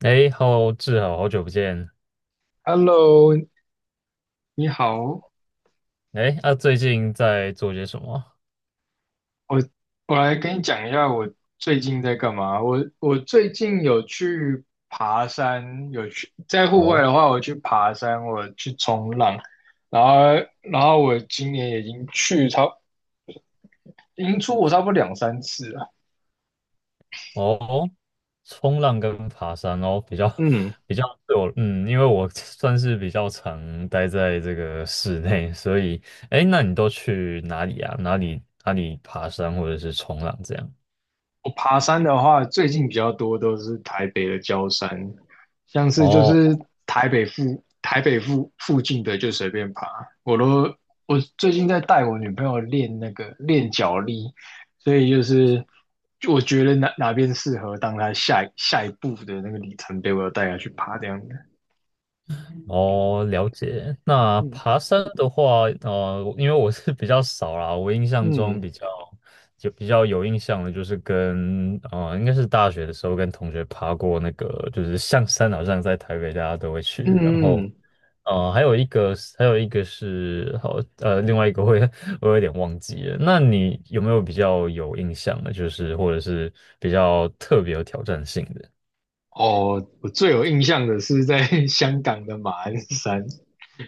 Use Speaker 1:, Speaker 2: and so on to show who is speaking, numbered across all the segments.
Speaker 1: 哎，Hello，志豪，好久不见。
Speaker 2: Hello，你好，
Speaker 1: 哎，最近在做些什么？
Speaker 2: 我我来跟你讲一下我最近在干嘛。我最近有去爬山，有去在户外
Speaker 1: 哦
Speaker 2: 的话，我去爬山，我去冲浪，然后然后我今年已经出国差不多两三次了。
Speaker 1: 哦，冲浪跟爬山哦，比较
Speaker 2: 嗯。
Speaker 1: 比较对我，嗯，因为我 算是比较常待在这个室内，所以，哎，那你都去哪里啊？哪里爬山或者是冲浪这样？
Speaker 2: 我爬山的话，最近比较多都是台北的郊山，像是就
Speaker 1: 哦。
Speaker 2: 是台北附近的就随便爬。我都我最近在带我女朋友练那个练脚力，所以就是我觉得哪边适合当她下一步的那个里程碑，我要带她去爬这样的。
Speaker 1: 哦，了解。那
Speaker 2: 嗯
Speaker 1: 爬山的话，因为我是比较少啦，我印象中
Speaker 2: 嗯
Speaker 1: 比较有印象的，就是跟应该是大学的时候跟同学爬过那个，就是象山，好像在台北大家都会去。然
Speaker 2: 嗯
Speaker 1: 后
Speaker 2: 嗯，
Speaker 1: 还有一个是，另外一个会 我有点忘记了。那你有没有比较有印象的，就是或者是比较特别有挑战性的？
Speaker 2: 哦，我最有印象的是在 香港的马鞍山，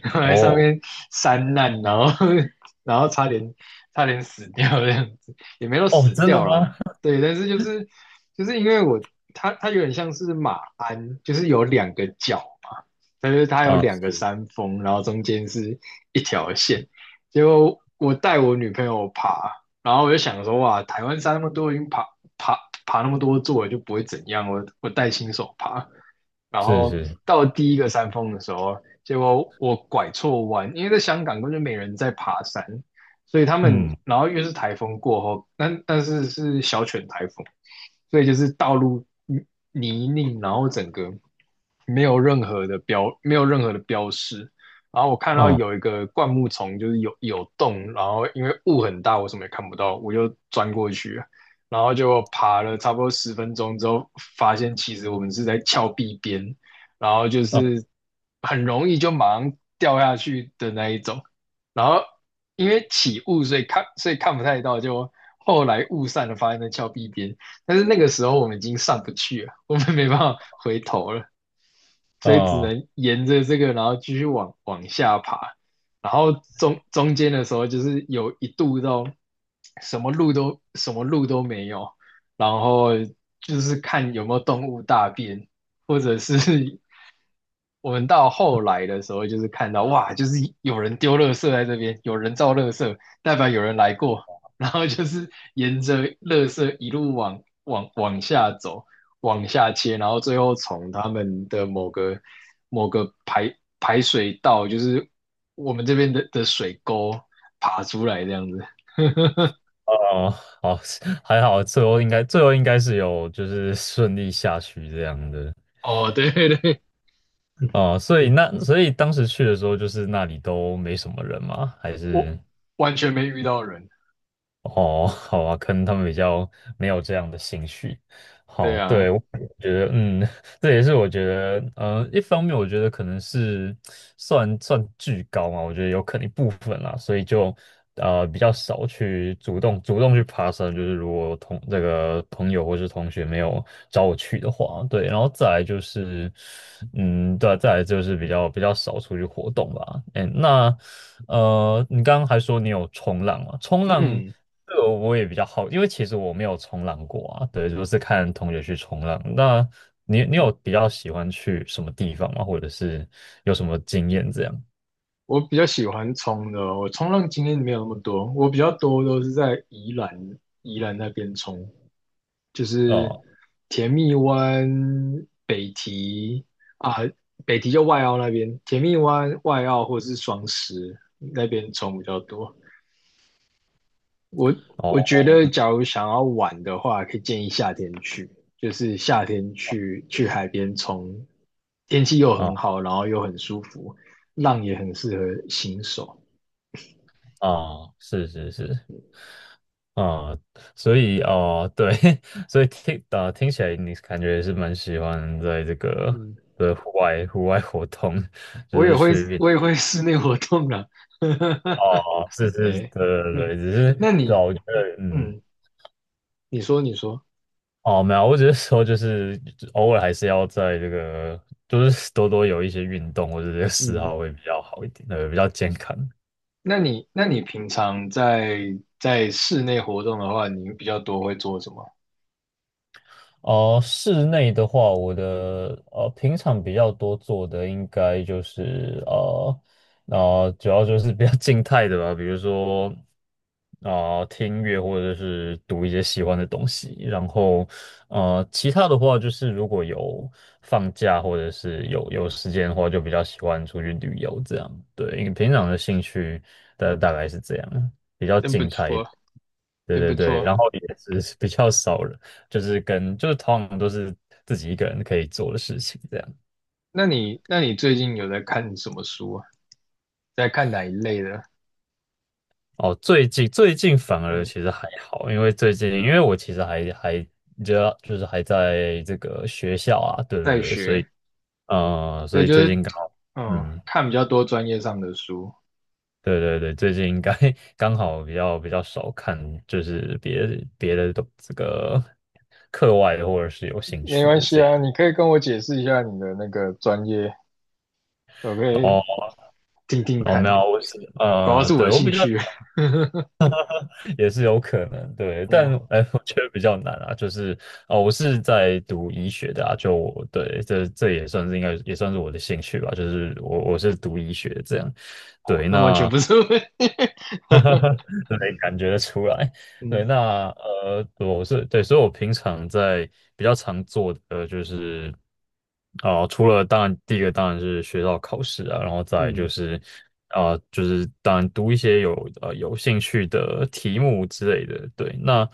Speaker 2: 然后来上
Speaker 1: 哦
Speaker 2: 面山难，然后 然后差点死掉这样子，也没有
Speaker 1: 哦，
Speaker 2: 死
Speaker 1: 真的
Speaker 2: 掉啦。
Speaker 1: 吗？
Speaker 2: 对，但是就是就是因为我它有点像是马鞍，就是有两个角嘛，但是 它有
Speaker 1: 啊，
Speaker 2: 两个
Speaker 1: 是
Speaker 2: 山峰，然后中间是一条线。结果我带我女朋友爬，然后我就想说哇，台湾山那么多，已经爬爬爬那么多座就不会怎样，我带新手爬。然
Speaker 1: 是
Speaker 2: 后
Speaker 1: 是，
Speaker 2: 到第一个山峰的时候，结果我拐错弯，因为在香港根本就没人在爬山，所以他们，
Speaker 1: 嗯。
Speaker 2: 然后又是台风过后，但是小犬台风，所以就是道路泥泞，然后整个没有任何的标识。然后我看到
Speaker 1: 哦
Speaker 2: 有一个灌木丛，就是有洞，然后因为雾很大，我什么也看不到，我就钻过去，然后就爬了差不多十分钟之后，发现其实我们是在峭壁边，然后就
Speaker 1: 哦
Speaker 2: 是很容易就马上掉下去的那一种。然后因为起雾，所以看不太到，就后来雾散了，发现在峭壁边。但是那个时候我们已经上不去了，我们没办法回头了。所以只
Speaker 1: 哦
Speaker 2: 能沿着这个，然后继续往下爬，然后中间的时候就是有一度到什么路都没有，然后就是看有没有动物大便，或者是 我们到后来的时候就是看到哇，就是有人丢垃圾在这边，有人造垃圾，代表有人来过，然后就是沿着垃圾一路往下走。往下切，然后最后从他们的某个排水道，就是我们这边的水沟爬出来这样子。
Speaker 1: 哦，好，还好，最后应该是有就是顺利下去这样的。
Speaker 2: 哦，对对 对，
Speaker 1: 哦、所以当时去的时候，就是那里都没什么人吗？还
Speaker 2: 我
Speaker 1: 是？
Speaker 2: 完全没遇到人。
Speaker 1: 哦，好啊，可能他们比较没有这样的兴趣。
Speaker 2: 对
Speaker 1: 好，对，
Speaker 2: 啊，
Speaker 1: 我觉得，嗯，这也是我觉得，嗯，一方面我觉得可能是算巨高嘛，我觉得有可能一部分啦，所以就比较少去主动去爬山，就是如果同这个朋友或是同学没有找我去的话，对，然后再来就是，嗯，对啊，再来就是比较少出去活动吧。哎，那你刚刚还说你有冲浪啊，冲浪。
Speaker 2: 嗯，
Speaker 1: 这个我也比较好，因为其实我没有冲浪过啊，对，就是看同学去冲浪。那你有比较喜欢去什么地方吗？或者是有什么经验这样？
Speaker 2: 我比较喜欢冲的哦，我冲浪经验没有那么多，我比较多都是在宜兰那边冲。就是
Speaker 1: 哦
Speaker 2: 甜蜜湾、北堤啊，北堤就外澳那边，甜蜜湾、外澳或者是双十那边虫比较多。我
Speaker 1: 哦
Speaker 2: 我觉得，
Speaker 1: 哦
Speaker 2: 假如想要玩的话，可以建议夏天去，就是夏天去海
Speaker 1: 嗯
Speaker 2: 边冲，天气又很
Speaker 1: 啊
Speaker 2: 好，然后又很舒服，浪也很适合新手。
Speaker 1: 啊，是是是啊，所以啊，对，所以听起来你感觉是蛮喜欢在这个
Speaker 2: 嗯，
Speaker 1: 的户外活动，就
Speaker 2: 我也
Speaker 1: 是
Speaker 2: 会
Speaker 1: 去
Speaker 2: 我也会室内活动啦。
Speaker 1: 啊，哦是是，
Speaker 2: 对，
Speaker 1: 对对 对，只是
Speaker 2: 那
Speaker 1: 对啊
Speaker 2: 你
Speaker 1: 我觉得嗯。
Speaker 2: 嗯，你说，
Speaker 1: 哦，没有，我只是说，就是偶尔还是要在这个，就是有一些运动或者这个嗜
Speaker 2: 嗯，
Speaker 1: 好会比较好一点，比较健康。
Speaker 2: 那你平常在室内活动的话，你比较多会做什么？
Speaker 1: 哦，室内的话，我的平常比较多做的应该就是主要就是比较静态的吧，比如说听音乐或者是读一些喜欢的东西，然后其他的话就是如果有放假或者是有时间的话，就比较喜欢出去旅游这样。对，因为平常的兴趣大概是这样，比较
Speaker 2: 真不
Speaker 1: 静态一点
Speaker 2: 错，
Speaker 1: 对
Speaker 2: 真不
Speaker 1: 对对，
Speaker 2: 错。
Speaker 1: 然后也是比较少人。就是跟就是通常都是自己一个人可以做的事情这样。
Speaker 2: 那你最近有在看什么书啊？在看哪一类的？
Speaker 1: 哦，最近反而
Speaker 2: 嗯，
Speaker 1: 其实还好，因为最近因为我其实就是还在这个学校啊，对
Speaker 2: 在
Speaker 1: 对对，所以
Speaker 2: 学，所
Speaker 1: 所
Speaker 2: 以
Speaker 1: 以
Speaker 2: 就
Speaker 1: 最
Speaker 2: 是
Speaker 1: 近刚好
Speaker 2: 嗯，
Speaker 1: 嗯。
Speaker 2: 看比较多专业上的书。
Speaker 1: 对对对，最近应该 刚好比较少看，就是别的都这个课外的或者是有兴
Speaker 2: 没
Speaker 1: 趣
Speaker 2: 关
Speaker 1: 的
Speaker 2: 系
Speaker 1: 这样。
Speaker 2: 啊，你可以跟我解释一下你的那个专业，我可
Speaker 1: 然
Speaker 2: 以
Speaker 1: 后
Speaker 2: 听听
Speaker 1: 然后
Speaker 2: 看，
Speaker 1: 没有，我是
Speaker 2: 搞不好是我
Speaker 1: 对
Speaker 2: 的
Speaker 1: 我
Speaker 2: 兴
Speaker 1: 比较
Speaker 2: 趣。
Speaker 1: 也是有可能，对，但
Speaker 2: 哦
Speaker 1: 哎，我觉得比较难啊，就是哦，我是在读医学的啊，就我对，这也算是我的兴趣吧，就是我是读医学这样，
Speaker 2: 哦，
Speaker 1: 对，
Speaker 2: 那完全
Speaker 1: 那
Speaker 2: 不是问题
Speaker 1: 对，感觉得出来。对，
Speaker 2: 嗯
Speaker 1: 那我是对，所以我平常在比较常做的就是，啊、除了当然第一个当然是学校考试啊，然后再来就
Speaker 2: 嗯
Speaker 1: 是啊、就是当然读一些有有兴趣的题目之类的。对，那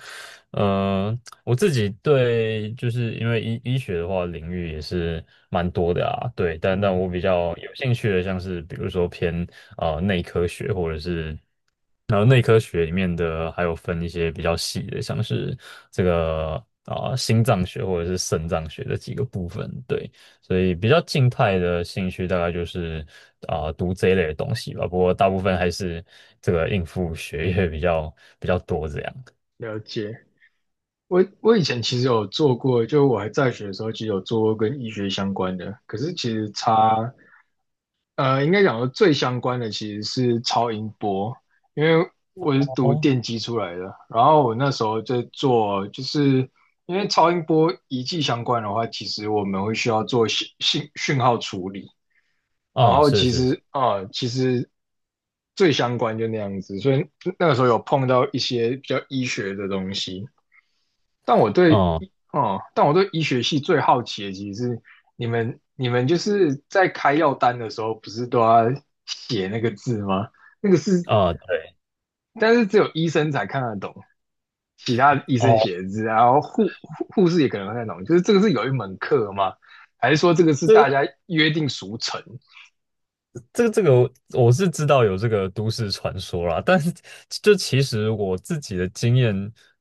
Speaker 1: 我自己对就是因为医学的话领域也是蛮多的啊，对，但
Speaker 2: 嗯，
Speaker 1: 我比较有兴趣的像是比如说偏啊内科学或者是。然后内科学里面的还有分一些比较细的，像是这个啊、心脏学或者是肾脏学的几个部分，对，所以比较静态的兴趣大概就是啊、读这一类的东西吧，不过大部分还是这个应付学业比较多这样。
Speaker 2: 了解。我以前其实有做过，就我还在学的时候，其实有做过跟医学相关的。可是其实差，呃，应该讲说最相关的其实是超音波，因为我是读
Speaker 1: 哦，
Speaker 2: 电机出来的。然后我那时候在做，就是因为超音波仪器相关的话，其实我们会需要做讯号处理。然
Speaker 1: 哦，
Speaker 2: 后
Speaker 1: 是是是，
Speaker 2: 其实最相关就那样子，所以那个时候有碰到一些比较医学的东西。但我对
Speaker 1: 哦，
Speaker 2: 医，哦，但我对医学系最好奇的其实是你们就是在开药单的时候，不是都要写那个字吗？那个是，
Speaker 1: 哦，对，
Speaker 2: 但是只有医生才看得懂，其他医
Speaker 1: 哦，
Speaker 2: 生写的字，然后护士也可能看得懂。就是这个是有一门课吗？还是说这个是
Speaker 1: 这
Speaker 2: 大
Speaker 1: 个。
Speaker 2: 家约定俗成？
Speaker 1: 这个我我是知道有这个都市传说啦，但是就其实我自己的经验，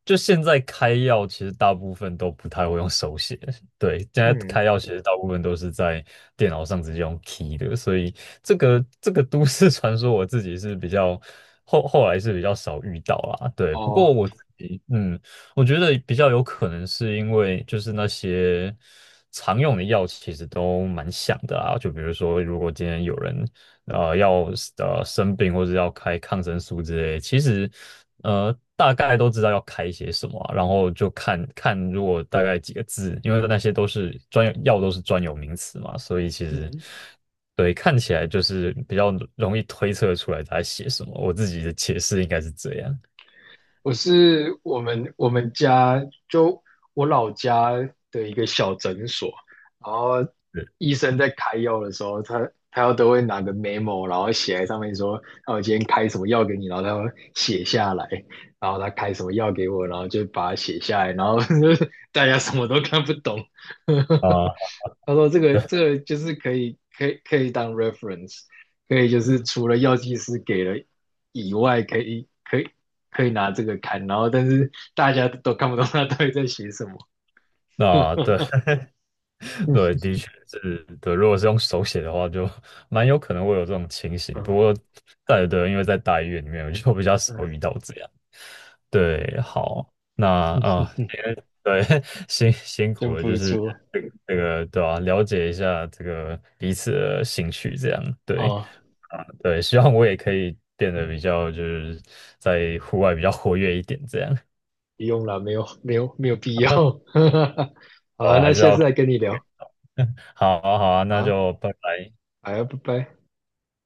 Speaker 1: 就现在开药其实大部分都不太会用手写，对，现在
Speaker 2: 嗯，
Speaker 1: 开药其实大部分都是在电脑上直接用 key 的，所以这个都市传说我自己是比较后来是比较少遇到啦，对，不过
Speaker 2: 哦，
Speaker 1: 我自己嗯。我觉得比较有可能是因为就是那些常用的药其实都蛮像的啊，就比如说，如果今天有人呃要呃生病或者要开抗生素之类的其实呃大概都知道要开些什么啊然后就看看如果大概几个字，因为那些都是专有药都是专有名词嘛，所以其实
Speaker 2: 嗯，
Speaker 1: 对看起来就是比较容易推测出来他在写什么。我自己的解释应该是这样。
Speaker 2: 我是我们家就我老家的一个小诊所，然后
Speaker 1: 是
Speaker 2: 医生在开药的时候，他都会拿个 memo，然后写在上面说，那我今天开什么药给你，然后他会写下来，然后他开什么药给我，然后就把它写下来，然后 大家什么都看不懂。
Speaker 1: 啊，
Speaker 2: 他说这个就是可以当 reference，可以就是除了药剂师给了以外，可以拿这个看，然后但是大家都看不懂他到底在写什么。
Speaker 1: 那对 对，的确是对。如果是用手写的话，就蛮有可能会有这种情
Speaker 2: 嗯
Speaker 1: 形。不
Speaker 2: 嗯
Speaker 1: 过，对对，因为在大医院里面，我就比较少遇到这样。对，
Speaker 2: 嗯
Speaker 1: 好，那啊、对，辛苦
Speaker 2: 真
Speaker 1: 了，就
Speaker 2: 不
Speaker 1: 是
Speaker 2: 错。
Speaker 1: 这个对吧、了解一下这个彼此的兴趣，这样对。
Speaker 2: 哦，
Speaker 1: 啊，对，希望我也可以变得比较，就是在户外比较活跃一点，这样。
Speaker 2: 不用了，没有必要。好啊，
Speaker 1: 哦，还
Speaker 2: 那
Speaker 1: 是
Speaker 2: 下次
Speaker 1: 要，
Speaker 2: 再跟你聊。
Speaker 1: 好啊，好啊，
Speaker 2: 好
Speaker 1: 那
Speaker 2: 啊，
Speaker 1: 就拜拜。
Speaker 2: 好啊拜拜。